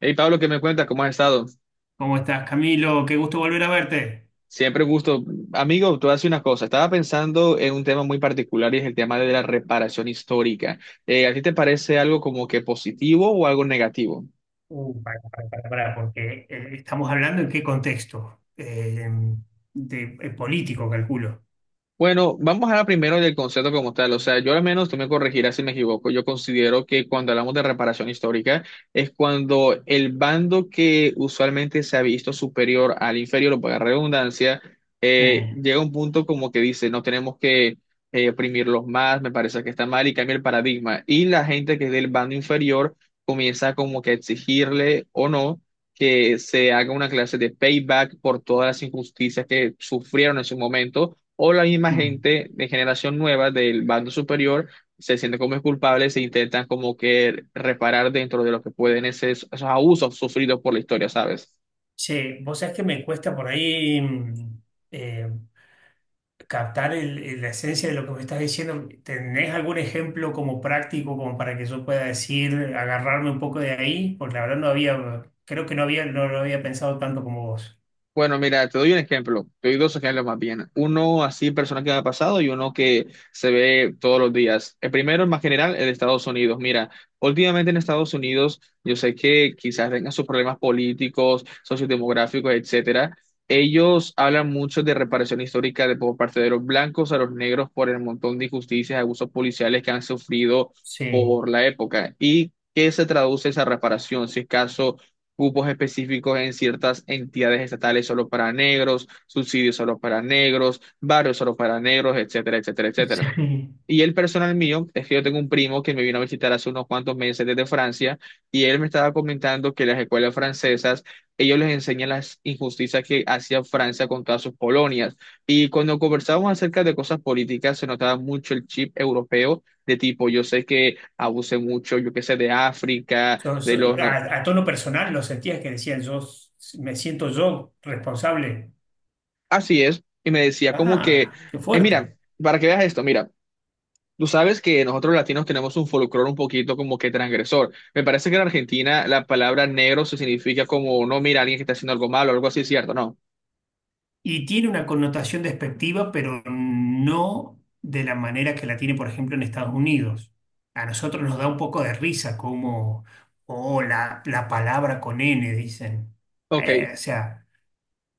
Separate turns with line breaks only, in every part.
Hey Pablo, ¿qué me cuentas? ¿Cómo has estado?
¿Cómo estás, Camilo? Qué gusto volver a verte.
Siempre un gusto. Amigo, tú haces una cosa. Estaba pensando en un tema muy particular y es el tema de la reparación histórica. ¿A ti te parece algo como que positivo o algo negativo?
Para, para, para. ¿Estamos hablando en qué contexto, de, político, calculo?
Bueno, vamos a hablar primero del concepto como tal. O sea, yo al menos, tú me corregirás si me equivoco, yo considero que cuando hablamos de reparación histórica es cuando el bando que usualmente se ha visto superior al inferior, o para redundancia,
Sí.
llega a un punto como que dice, no tenemos que oprimirlos más, me parece que está mal y cambia el paradigma. Y la gente que es del bando inferior comienza como que a exigirle o no, que se haga una clase de payback por todas las injusticias que sufrieron en su momento o la misma
Mm.
gente de generación nueva del bando superior se siente como culpables e intentan como que reparar dentro de lo que pueden esos abusos sufridos por la historia, ¿sabes?
Che, vos sabés que me cuesta por ahí, eh, captar la esencia de lo que me estás diciendo. ¿Tenés algún ejemplo como práctico como para que yo pueda decir, agarrarme un poco de ahí? Porque la verdad no había, creo que no había, no lo había pensado tanto como vos.
Bueno, mira, te doy un ejemplo, te doy dos ejemplos más bien. Uno así personal que me ha pasado y uno que se ve todos los días. El primero, más general, el de Estados Unidos. Mira, últimamente en Estados Unidos, yo sé que quizás tengan sus problemas políticos, sociodemográficos, etcétera. Ellos hablan mucho de reparación histórica de por parte de los blancos a los negros por el montón de injusticias, abusos policiales que han sufrido
Sí,
por la época. ¿Y qué se traduce esa reparación? Si es caso cupos específicos en ciertas entidades estatales solo para negros, subsidios solo para negros, barrios solo para negros, etcétera, etcétera, etcétera.
sí.
Y el personal mío, es que yo tengo un primo que me vino a visitar hace unos cuantos meses desde Francia y él me estaba comentando que las escuelas francesas, ellos les enseñan las injusticias que hacía Francia con todas sus colonias. Y cuando conversábamos acerca de cosas políticas, se notaba mucho el chip europeo. De tipo, yo sé que abuse mucho, yo qué sé, de África, de los, no.
A tono personal lo sentías que decían, me siento yo responsable.
Así es, y me decía como que,
Ah, qué
mira,
fuerte.
para que veas esto, mira, tú sabes que nosotros latinos tenemos un folclore un poquito como que transgresor. Me parece que en Argentina la palabra negro se significa como, no, mira, alguien que está haciendo algo malo, algo así, ¿cierto? No.
Y tiene una connotación despectiva, pero no de la manera que la tiene, por ejemplo, en Estados Unidos. A nosotros nos da un poco de risa, como, oh, la palabra con N, dicen.
Ok.
O sea,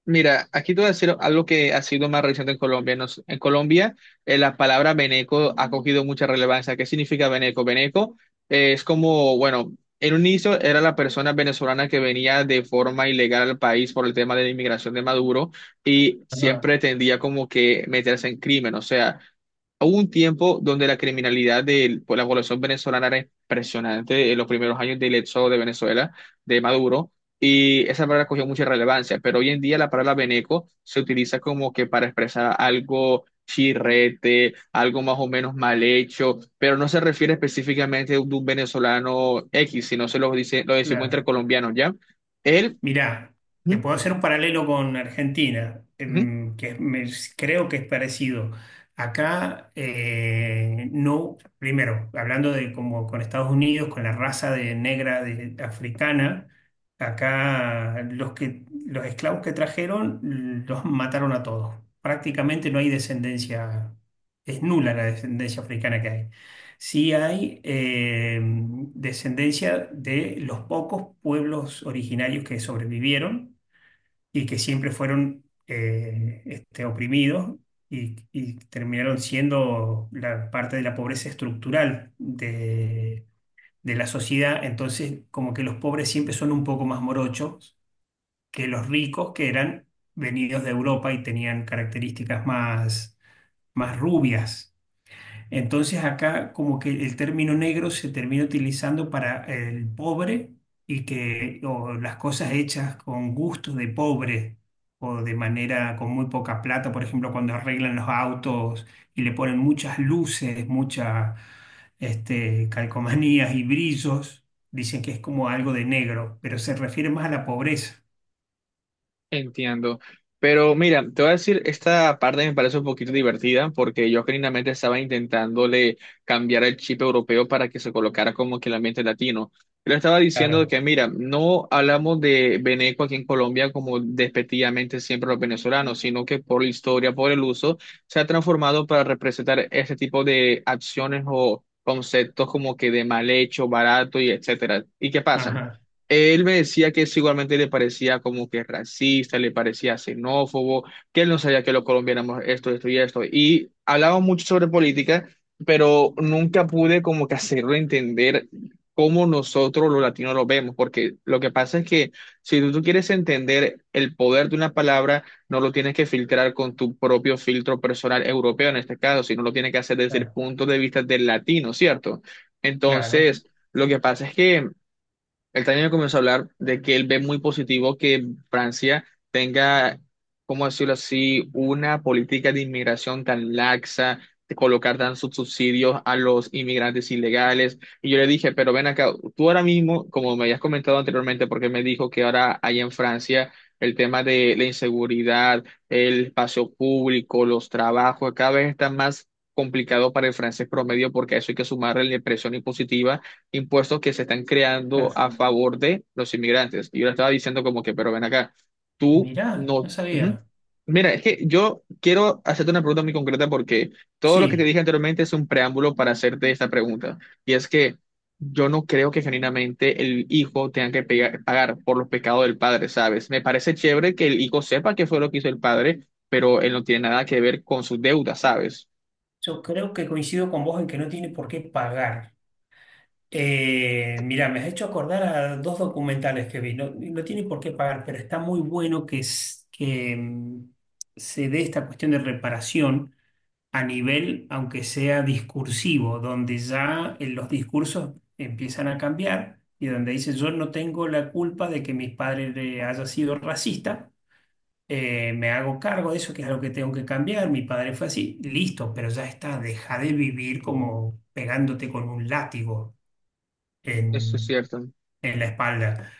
Mira, aquí te voy a decir algo que ha sido más reciente en Colombia. En Colombia, la palabra Beneco ha cogido mucha relevancia. ¿Qué significa Beneco? Beneco es como, bueno, en un inicio era la persona venezolana que venía de forma ilegal al país por el tema de la inmigración de Maduro y
ajá,
siempre tendía como que meterse en crimen. O sea, hubo un tiempo donde la criminalidad de la población venezolana era impresionante en los primeros años del éxodo de Venezuela, de Maduro, y esa palabra cogió mucha relevancia, pero hoy en día la palabra veneco se utiliza como que para expresar algo chirrete, algo más o menos mal hecho, pero no se refiere específicamente de un venezolano X, sino se lo dice, lo decimos entre
claro.
colombianos, ¿ya? Él,
Mirá, te
ujú,
puedo hacer un paralelo con Argentina,
ujú.
creo que es parecido. Acá, no, primero, hablando de como con Estados Unidos, con la raza de negra africana. Acá los que, los esclavos que trajeron los mataron a todos. Prácticamente no hay descendencia, es nula la descendencia africana que hay. Sí hay descendencia de los pocos pueblos originarios que sobrevivieron y que siempre fueron oprimidos, y terminaron siendo la parte de la pobreza estructural de la sociedad. Entonces, como que los pobres siempre son un poco más morochos que los ricos que eran venidos de Europa y tenían características más rubias. Entonces acá como que el término negro se termina utilizando para el pobre y que o las cosas hechas con gusto de pobre o de manera con muy poca plata, por ejemplo, cuando arreglan los autos y le ponen muchas luces, muchas calcomanías y brillos, dicen que es como algo de negro, pero se refiere más a la pobreza.
Entiendo. Pero mira, te voy a decir, esta parte me parece un poquito divertida porque yo genuinamente estaba intentándole cambiar el chip europeo para que se colocara como que el ambiente latino. Pero estaba diciendo
Claro.
que, mira, no hablamos de Beneco aquí en Colombia como despectivamente siempre los venezolanos, sino que por la historia, por el uso, se ha transformado para representar este tipo de acciones o conceptos como que de mal hecho, barato y etcétera. ¿Y qué pasa?
Ajá,
Él me decía que eso igualmente le parecía como que racista, le parecía xenófobo, que él no sabía que los colombianos éramos esto, esto y esto. Y hablaba mucho sobre política, pero nunca pude como que hacerlo entender cómo nosotros los latinos lo vemos, porque lo que pasa es que si tú, tú quieres entender el poder de una palabra, no lo tienes que filtrar con tu propio filtro personal europeo en este caso, sino lo tienes que hacer desde el
claro,
punto de vista del latino, ¿cierto?
claro,
Entonces, lo que pasa es que... El también comenzó a hablar de que él ve muy positivo que Francia tenga, ¿cómo decirlo así?, una política de inmigración tan laxa, de colocar tan sus subsidios a los inmigrantes ilegales. Y yo le dije, pero ven acá, tú ahora mismo, como me habías comentado anteriormente, porque me dijo que ahora hay en Francia el tema de la inseguridad, el espacio público, los trabajos, cada vez está más complicado para el francés promedio porque a eso hay que sumarle la presión impositiva, impuestos que se están creando
claro.
a favor de los inmigrantes. Y yo le estaba diciendo como que, pero ven acá, tú
Mirá, no
no... Ujú.
sabía.
Mira, es que yo quiero hacerte una pregunta muy concreta porque todo lo que te
Sí.
dije anteriormente es un preámbulo para hacerte esta pregunta. Y es que yo no creo que genuinamente el hijo tenga que pagar por los pecados del padre, ¿sabes? Me parece chévere que el hijo sepa qué fue lo que hizo el padre, pero él no tiene nada que ver con sus deudas, ¿sabes?
Yo creo que coincido con vos en que no tiene por qué pagar. Mira, me has hecho acordar a dos documentales que vi. No, no tiene por qué pagar, pero está muy bueno que, que se dé esta cuestión de reparación a nivel, aunque sea discursivo, donde ya los discursos empiezan a cambiar y donde dice yo no tengo la culpa de que mis padres haya sido racista, me hago cargo de eso, que es algo que tengo que cambiar, mi padre fue así, listo, pero ya está, deja de vivir como pegándote con un látigo
Eso es
en,
cierto.
en la espalda.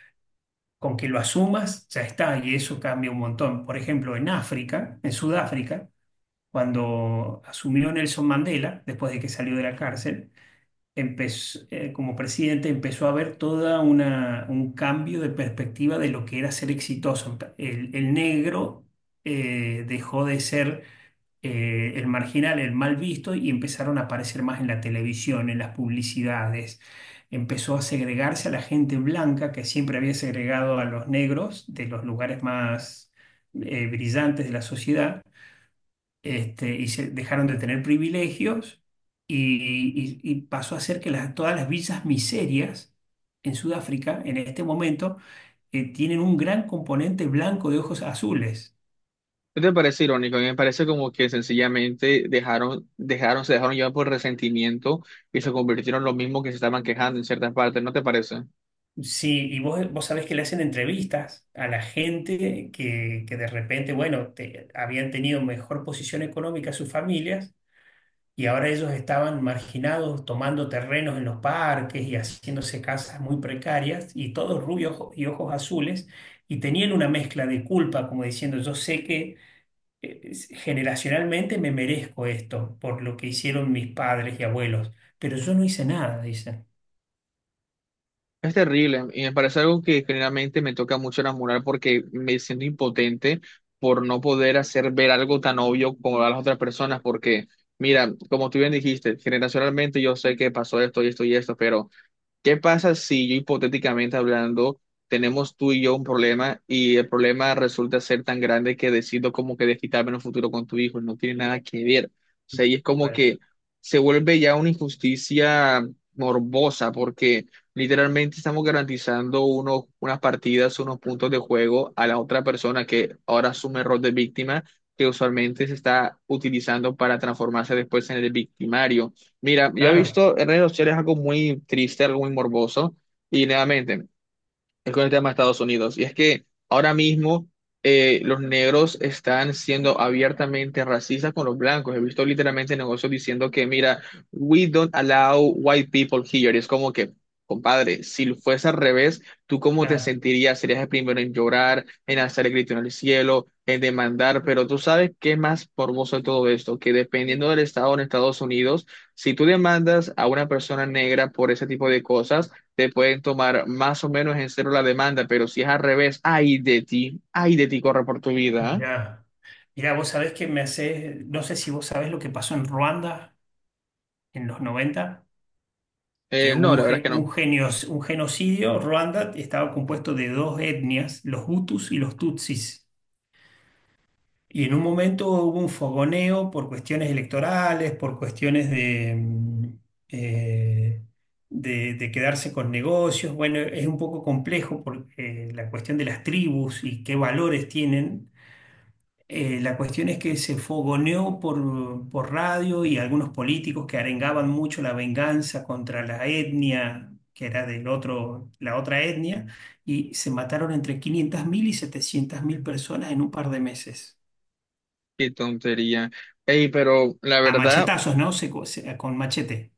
Con que lo asumas, ya está, y eso cambia un montón. Por ejemplo, en África, en Sudáfrica, cuando asumió Nelson Mandela, después de que salió de la cárcel, como presidente empezó a ver toda una, un cambio de perspectiva de lo que era ser exitoso. El negro dejó de ser el marginal, el mal visto, y empezaron a aparecer más en la televisión, en las publicidades. Empezó a segregarse a la gente blanca, que siempre había segregado a los negros de los lugares más brillantes de la sociedad, y se dejaron de tener privilegios y pasó a ser que todas las villas miserias en Sudáfrica en este momento tienen un gran componente blanco de ojos azules.
¿No te parece irónico? A mí me parece como que sencillamente dejaron, dejaron, se dejaron llevar por resentimiento y se convirtieron en los mismos que se estaban quejando en ciertas partes, ¿no te parece?
Sí, y vos sabés que le hacen entrevistas a la gente que de repente, bueno, habían tenido mejor posición económica sus familias y ahora ellos estaban marginados tomando terrenos en los parques y haciéndose casas muy precarias y todos rubios y ojos azules y tenían una mezcla de culpa como diciendo yo sé que eh, generacionalmente me merezco esto por lo que hicieron mis padres y abuelos, pero yo no hice nada, dicen.
Es terrible y me parece algo que generalmente me toca mucho enamorar porque me siento impotente por no poder hacer ver algo tan obvio como a las otras personas porque, mira, como tú bien dijiste, generacionalmente yo sé que pasó esto y esto y esto, pero... ¿Qué pasa si yo hipotéticamente hablando tenemos tú y yo un problema y el problema resulta ser tan grande que decido como que desquitarme en un futuro con tu hijo? No tiene nada que ver. O sea, y es como
Bueno,
que se vuelve ya una injusticia morbosa porque literalmente estamos garantizando unas partidas, unos puntos de juego a la otra persona que ahora asume el rol de víctima que usualmente se está utilizando para transformarse después en el victimario. Mira, yo he
claro.
visto en redes sociales algo muy triste, algo muy morboso, y nuevamente, es con el tema de Estados Unidos. Y es que ahora mismo los negros están siendo abiertamente racistas con los blancos. He visto literalmente negocios diciendo que, mira, we don't allow white people here. Y es como que, compadre, si fuese al revés, ¿tú cómo te
Claro,
sentirías? Serías el primero en llorar, en hacer el grito en el cielo, en demandar. Pero tú sabes qué más morboso de todo esto, que dependiendo del estado en Estados Unidos, si tú demandas a una persona negra por ese tipo de cosas, te pueden tomar más o menos en cero la demanda, pero si es al revés, ay de ti, corre por tu vida.
ya. Mirá, vos sabés que me hace, no sé si vos sabés lo que pasó en Ruanda en los 90
¿Eh?
que hubo
No,
un,
la verdad es
ge-
que no.
un, genio- un genocidio. Ruanda estaba compuesto de dos etnias, los Hutus y los Tutsis. Y en un momento hubo un fogoneo por cuestiones electorales, por cuestiones eh, de quedarse con negocios. Bueno, es un poco complejo porque la cuestión de las tribus y qué valores tienen. La cuestión es que se fogoneó por radio y algunos políticos que arengaban mucho la venganza contra la etnia, que era del otro, la otra etnia, y se mataron entre 500.000 y 700.000 personas en un par de meses.
Qué tontería. Ey, pero la
A
verdad,
machetazos, ¿no? Con machete.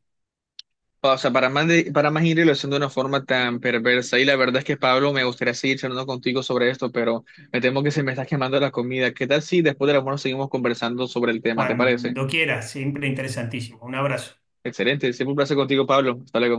o sea, para más, de, para más irlo haciendo de una forma tan perversa, y la verdad es que Pablo, me gustaría seguir charlando contigo sobre esto, pero me temo que se me está quemando la comida. ¿Qué tal si después del almuerzo seguimos conversando sobre el tema? ¿Te parece?
Cuando quieras, siempre interesantísimo. Un abrazo.
Excelente, siempre un placer contigo, Pablo. Hasta luego.